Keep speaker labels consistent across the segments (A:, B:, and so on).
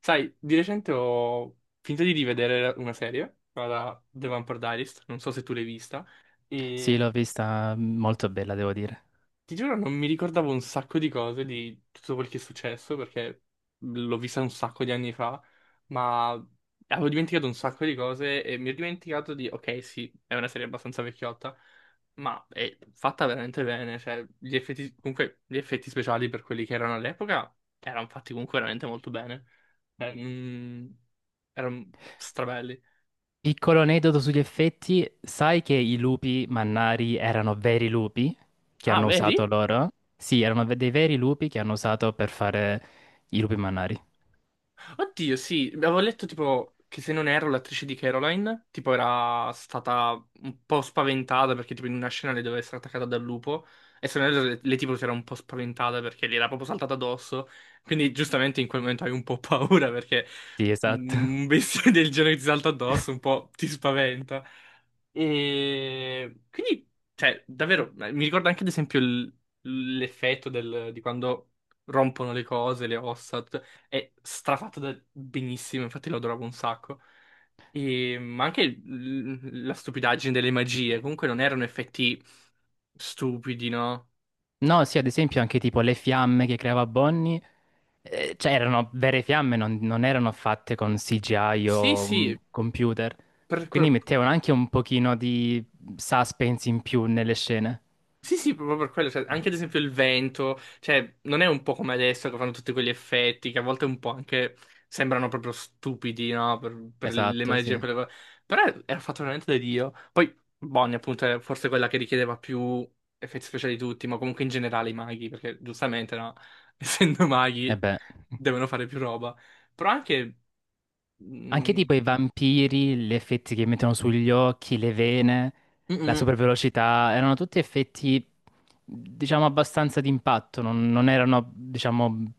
A: Sai, di recente ho finito di rivedere una serie, la The Vampire Diaries, non so se tu l'hai vista,
B: Sì, l'ho
A: e
B: vista molto bella, devo dire.
A: ti giuro, non mi ricordavo un sacco di cose di tutto quel che è successo perché l'ho vista un sacco di anni fa, ma avevo dimenticato un sacco di cose e mi ero dimenticato di, ok, sì, è una serie abbastanza vecchiotta, ma è fatta veramente bene, cioè gli effetti, comunque gli effetti speciali per quelli che erano all'epoca erano fatti comunque veramente molto bene, Eh, mm, erano strabelli.
B: Piccolo aneddoto sugli effetti, sai che i lupi mannari erano veri lupi che
A: Ah,
B: hanno usato
A: vedi?
B: loro? Sì, erano dei veri lupi che hanno usato per fare i lupi mannari.
A: Oddio, sì, avevo letto tipo che se non ero l'attrice di Caroline, tipo era stata un po' spaventata perché tipo in una scena le doveva essere attaccata dal lupo e se non erro le tipo si era un po' spaventata perché le era proprio saltata addosso, quindi giustamente in quel momento hai un po' paura perché
B: Sì, esatto.
A: un bestiame del genere che ti salta addosso un po' ti spaventa. E quindi, cioè, davvero, mi ricorda anche ad esempio di quando rompono le cose, le ossa. È strafatto da benissimo, infatti lo adoravo un sacco. E, ma anche la stupidaggine delle magie, comunque non erano effetti stupidi, no?
B: No, sì, ad esempio anche tipo le fiamme che creava Bonnie, cioè erano vere fiamme, non erano fatte con CGI
A: Sì,
B: o
A: sì,
B: computer.
A: per-
B: Quindi
A: per-
B: mettevano anche un pochino di suspense in più nelle scene.
A: Sì, sì, proprio per quello, cioè, anche ad esempio il vento, cioè, non è un po' come adesso che fanno tutti quegli effetti che a volte un po' anche sembrano proprio stupidi, no? Per le
B: Esatto, sì.
A: magie, quelle cose. Però era fatto veramente da Dio. Poi Bonnie, appunto, è forse quella che richiedeva più effetti speciali di tutti, ma comunque in generale i maghi, perché giustamente, no? Essendo
B: E
A: maghi,
B: beh.
A: devono fare più roba. Però anche...
B: Anche
A: mm,
B: tipo i vampiri, gli effetti che mettono sugli occhi, le vene,
A: mm,
B: la
A: mm,
B: supervelocità, erano tutti effetti, diciamo, abbastanza d'impatto, non erano, diciamo,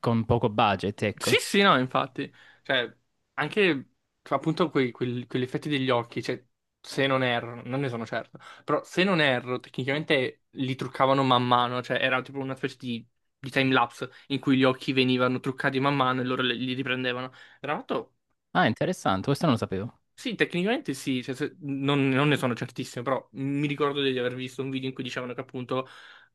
B: con poco budget,
A: Sì,
B: ecco.
A: sì, no, infatti. Cioè, anche appunto quegli effetti degli occhi, cioè, se non erro, non ne sono certo, però se non erro, tecnicamente li truccavano man mano, cioè era tipo una specie di time-lapse in cui gli occhi venivano truccati man mano e loro li riprendevano. Era fatto...
B: Ah, interessante, questo non lo sapevo.
A: Sì, tecnicamente sì, cioè, non ne sono certissimo, però mi ricordo di aver visto un video in cui dicevano che appunto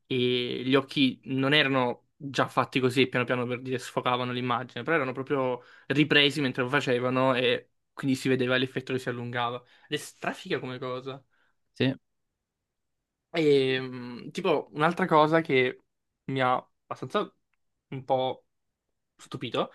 A: gli occhi non erano già fatti così, piano piano per dire sfocavano l'immagine, però erano proprio ripresi mentre lo facevano e quindi si vedeva l'effetto che si allungava. Ed è strafiga come cosa.
B: Sì.
A: E tipo un'altra cosa che mi ha abbastanza un po' stupito.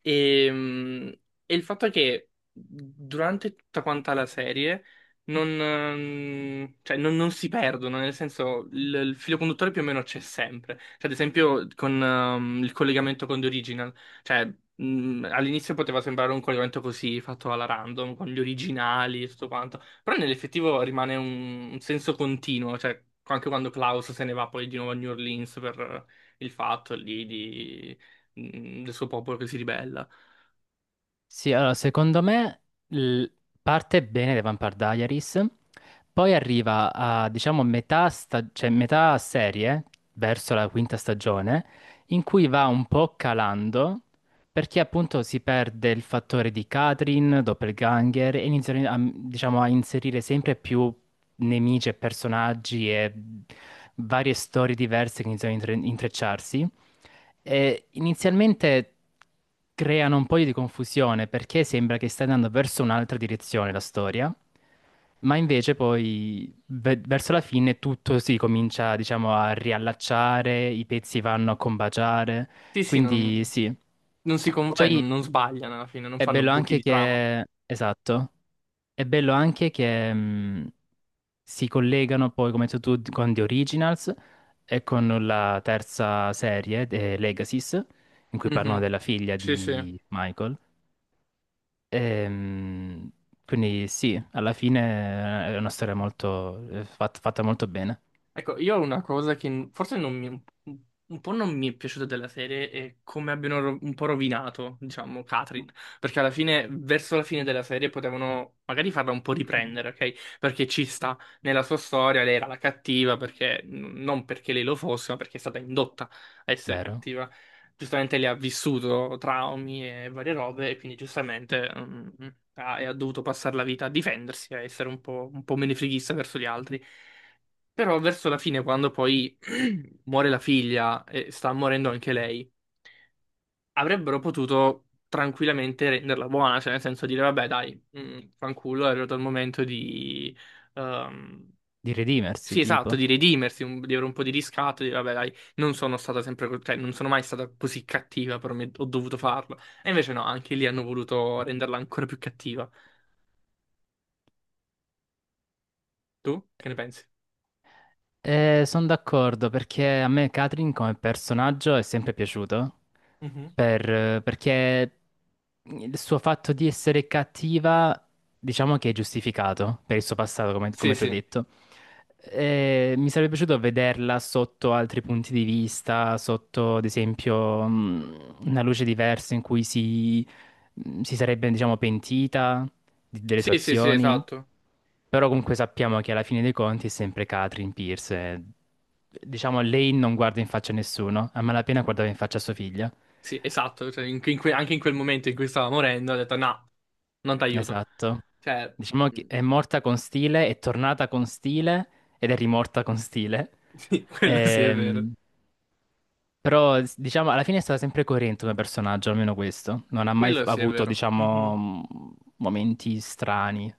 A: E, mm, e il fatto è che durante tutta quanta la serie non, cioè, non si perdono, nel senso il filo conduttore più o meno c'è sempre. Cioè, ad esempio con il collegamento con The Original, cioè all'inizio poteva sembrare un collegamento così fatto alla random, con gli originali e tutto quanto, però nell'effettivo rimane un senso continuo, cioè anche quando Klaus se ne va poi di nuovo a New Orleans per il fatto lì di del suo popolo che si ribella.
B: Sì, allora, secondo me l- parte bene The Vampire Diaries, poi arriva a, diciamo, metà, cioè, metà serie, verso la quinta stagione, in cui va un po' calando, perché appunto si perde il fattore di Katrin, doppelganger, e iniziano a, diciamo, a inserire sempre più nemici e personaggi e varie storie diverse che iniziano a intrecciarsi. E inizialmente creano un po' di confusione perché sembra che stia andando verso un'altra direzione la storia, ma invece poi verso la fine tutto si comincia, diciamo, a riallacciare, i pezzi vanno a combaciare,
A: Sì, sì, non,
B: quindi sì.
A: non si, con- cioè, non,
B: Poi
A: non sbagliano alla fine, non
B: è
A: fanno
B: bello
A: buchi
B: anche
A: di trama.
B: che, esatto, è bello anche che si collegano poi, come hai detto tu, con The Originals e con la terza serie, The Legacies, in cui parlano
A: Mhm.
B: della figlia
A: Sì, sì.
B: di Michael. Ehm, quindi sì, alla fine è una storia molto, fatta molto bene,
A: Ecco, io ho una cosa che n- forse non mi- un po' non mi è piaciuta della serie è come abbiano un po' rovinato, diciamo, Catherine, perché alla fine, verso la fine della serie, potevano magari farla un po' riprendere, ok? Perché ci sta nella sua storia, lei era la cattiva, perché non perché lei lo fosse, ma perché è stata indotta a essere
B: vero?
A: cattiva. Giustamente lei ha vissuto traumi e varie robe, e quindi giustamente e ha dovuto passare la vita a difendersi, a essere un po' menefreghista verso gli altri. Però verso la fine, quando poi muore la figlia e sta morendo anche lei, avrebbero potuto tranquillamente renderla buona, cioè nel senso dire, vabbè, dai, fanculo, è arrivato il momento di... ehm,
B: Di redimersi,
A: Sì, esatto,
B: tipo.
A: di redimersi, di avere un po' di riscatto, di dire, vabbè, dai, non sono stata sempre, cioè, non sono mai stata così cattiva, però ho dovuto farlo. E invece no, anche lì hanno voluto renderla ancora più cattiva. Tu che ne pensi?
B: Sono d'accordo perché a me Katrin come personaggio è sempre piaciuto,
A: Mhm.
B: perché il suo fatto di essere cattiva, diciamo che è giustificato per il suo passato,
A: Sì,
B: come tu hai
A: sì.
B: detto. Mi sarebbe piaciuto vederla sotto altri punti di vista, sotto, ad esempio, una luce diversa in cui si sarebbe, diciamo, pentita delle sue
A: Sì, sì, sì,
B: azioni,
A: esatto.
B: però comunque sappiamo che alla fine dei conti è sempre Catherine Pierce. E, diciamo, lei non guarda in faccia a nessuno, a malapena guardava in faccia a sua figlia.
A: Sì, esatto, cioè, anche in quel momento in cui stava morendo, ha detto no, non ti aiuto.
B: Esatto.
A: Cioè,
B: Diciamo che
A: mm,
B: è morta con stile, è tornata con stile ed è rimorta con stile.
A: sì, quello sì è vero.
B: Ehm, Però, diciamo, alla fine è stata sempre coerente come personaggio, almeno questo. Non ha mai
A: Quello sì è
B: avuto,
A: vero.
B: diciamo,
A: Mhm.
B: momenti strani,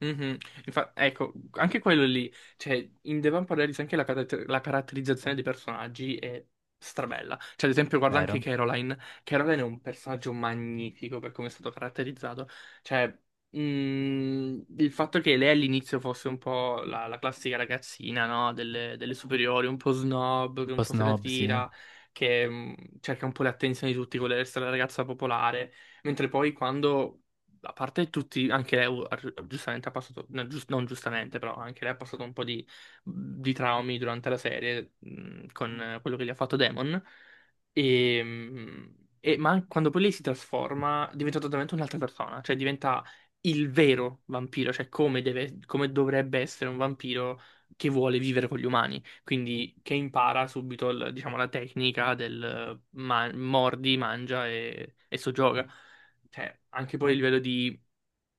A: Mhm. Ecco, anche quello lì, cioè, in The Vampire Diaries anche la caratterizzazione dei personaggi è strabella. Cioè, ad esempio, guarda anche
B: vero?
A: Caroline. Caroline è un personaggio magnifico per come è stato caratterizzato. Cioè, il fatto che lei all'inizio fosse un po' la classica ragazzina, no? Delle superiori, un po' snob,
B: Un
A: che un
B: po'
A: po' se la
B: snob, sì.
A: tira, che cerca un po' l'attenzione di tutti, vuole essere la ragazza popolare. Mentre poi quando a parte tutti, anche lei giustamente ha passato, no, non giustamente, però anche lei ha passato un po' di traumi durante la serie con quello che gli ha fatto Demon. E, quando poi lei si trasforma, diventa totalmente un'altra persona, cioè diventa il vero vampiro, cioè come dovrebbe essere un vampiro che vuole vivere con gli umani, quindi che impara subito, diciamo, la tecnica del mordi, mangia e soggioga cioè, anche poi a livello di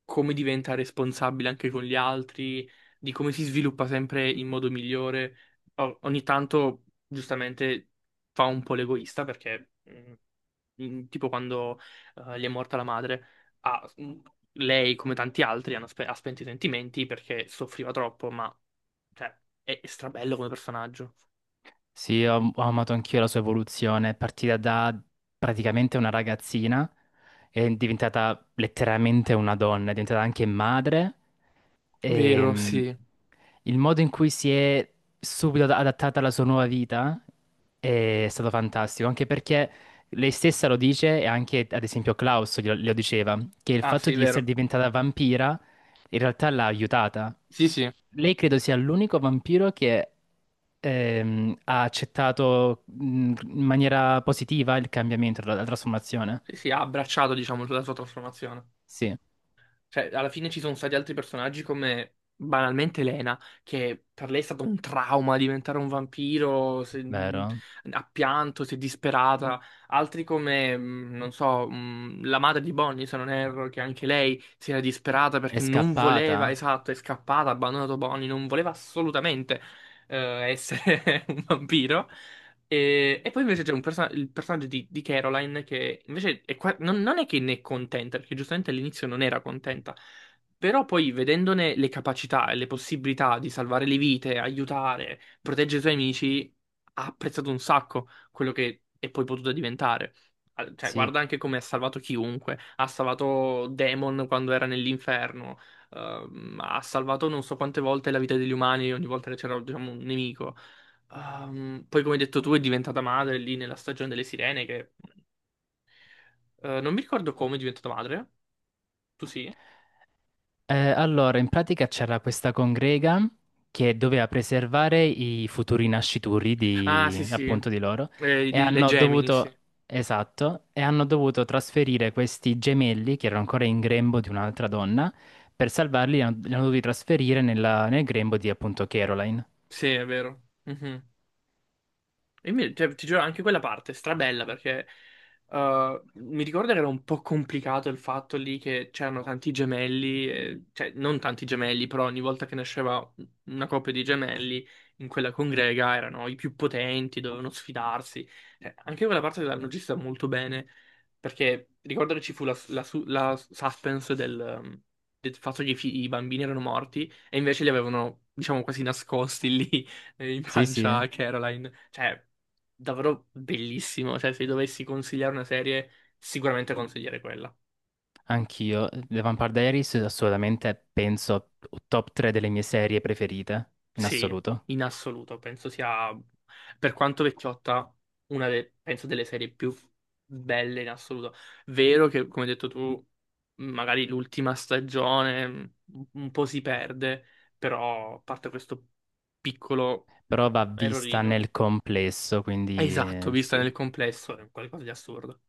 A: come diventa responsabile anche con gli altri, di come si sviluppa sempre in modo migliore. Ogni tanto, giustamente, fa un po' l'egoista perché, tipo quando gli è morta la madre, ha- mm, lei, come tanti altri, ha spento i sentimenti perché soffriva troppo, ma cioè, è strabello come personaggio.
B: Sì, ho amato anch'io la sua evoluzione. È partita da praticamente una ragazzina, è diventata letteralmente una donna, è diventata anche madre.
A: Vero,
B: Ehm,
A: sì.
B: il modo in cui si è subito adattata alla sua nuova vita è stato fantastico, anche perché lei stessa lo dice e anche, ad esempio, Klaus glielo diceva, che il
A: Ah,
B: fatto
A: sì,
B: di essere
A: vero.
B: diventata vampira in realtà l'ha aiutata.
A: Sì, sì.
B: Lei credo sia l'unico vampiro che ha accettato in maniera positiva il cambiamento, la trasformazione.
A: Sì, sì, ha abbracciato, diciamo, la sua trasformazione.
B: Sì,
A: Cioè, alla fine ci sono stati altri personaggi come banalmente Lena, che per lei è stato un trauma diventare un vampiro,
B: vero.
A: ha pianto, si è disperata. Altri come, non so, la madre di Bonnie, se non erro, che anche lei si era disperata
B: È
A: perché non voleva,
B: scappata.
A: esatto, è scappata, ha abbandonato Bonnie, non voleva assolutamente essere un vampiro. E poi invece c'è il personaggio di Caroline che invece è non è che ne è contenta, perché giustamente all'inizio non era contenta, però poi vedendone le capacità e le possibilità di salvare le vite, aiutare, proteggere i suoi amici, ha apprezzato un sacco quello che è poi potuta diventare. Ah, cioè,
B: Sì.
A: guarda anche come ha salvato chiunque, ha salvato Demon quando era nell'inferno, ha salvato non so quante volte la vita degli umani ogni volta che c'era, diciamo, un nemico. Poi, come hai detto tu, è diventata madre lì nella stagione delle sirene, che non mi ricordo come è diventata madre. Tu sì?
B: Allora, in pratica c'era questa congrega che doveva preservare i futuri nascituri
A: Ah, sì,
B: di,
A: sì.
B: appunto di loro e
A: Le
B: hanno
A: Gemini, sì.
B: dovuto, esatto, e hanno dovuto trasferire questi gemelli che erano ancora in grembo di un'altra donna, per salvarli li hanno dovuti trasferire nel grembo di appunto Caroline.
A: Sì, è vero. Mhm. Cioè, ti giuro, anche quella parte è strabella perché mi ricordo che era un po' complicato il fatto lì che c'erano tanti gemelli, cioè non tanti gemelli, però ogni volta che nasceva una coppia di gemelli in quella congrega erano i più potenti, dovevano sfidarsi. Anche quella parte l'hanno gestita molto bene perché ricordo che ci fu la suspense del, del fatto che i bambini erano morti e invece li avevano, diciamo, quasi nascosti lì in
B: Sì, sì,
A: pancia a Caroline. Cioè davvero bellissimo. Cioè, se dovessi consigliare una serie, sicuramente consiglierei quella.
B: anch'io. The Vampire Diaries è assolutamente, penso, top 3 delle mie serie preferite, in
A: Sì,
B: assoluto.
A: in assoluto. Penso sia, per quanto vecchiotta, penso delle serie più belle in assoluto. Vero che, come hai detto tu, magari l'ultima stagione un po' si perde, però a parte questo piccolo
B: Però va vista
A: errorino.
B: nel complesso, quindi
A: Esatto, vista
B: sì,
A: nel complesso, è qualcosa di assurdo.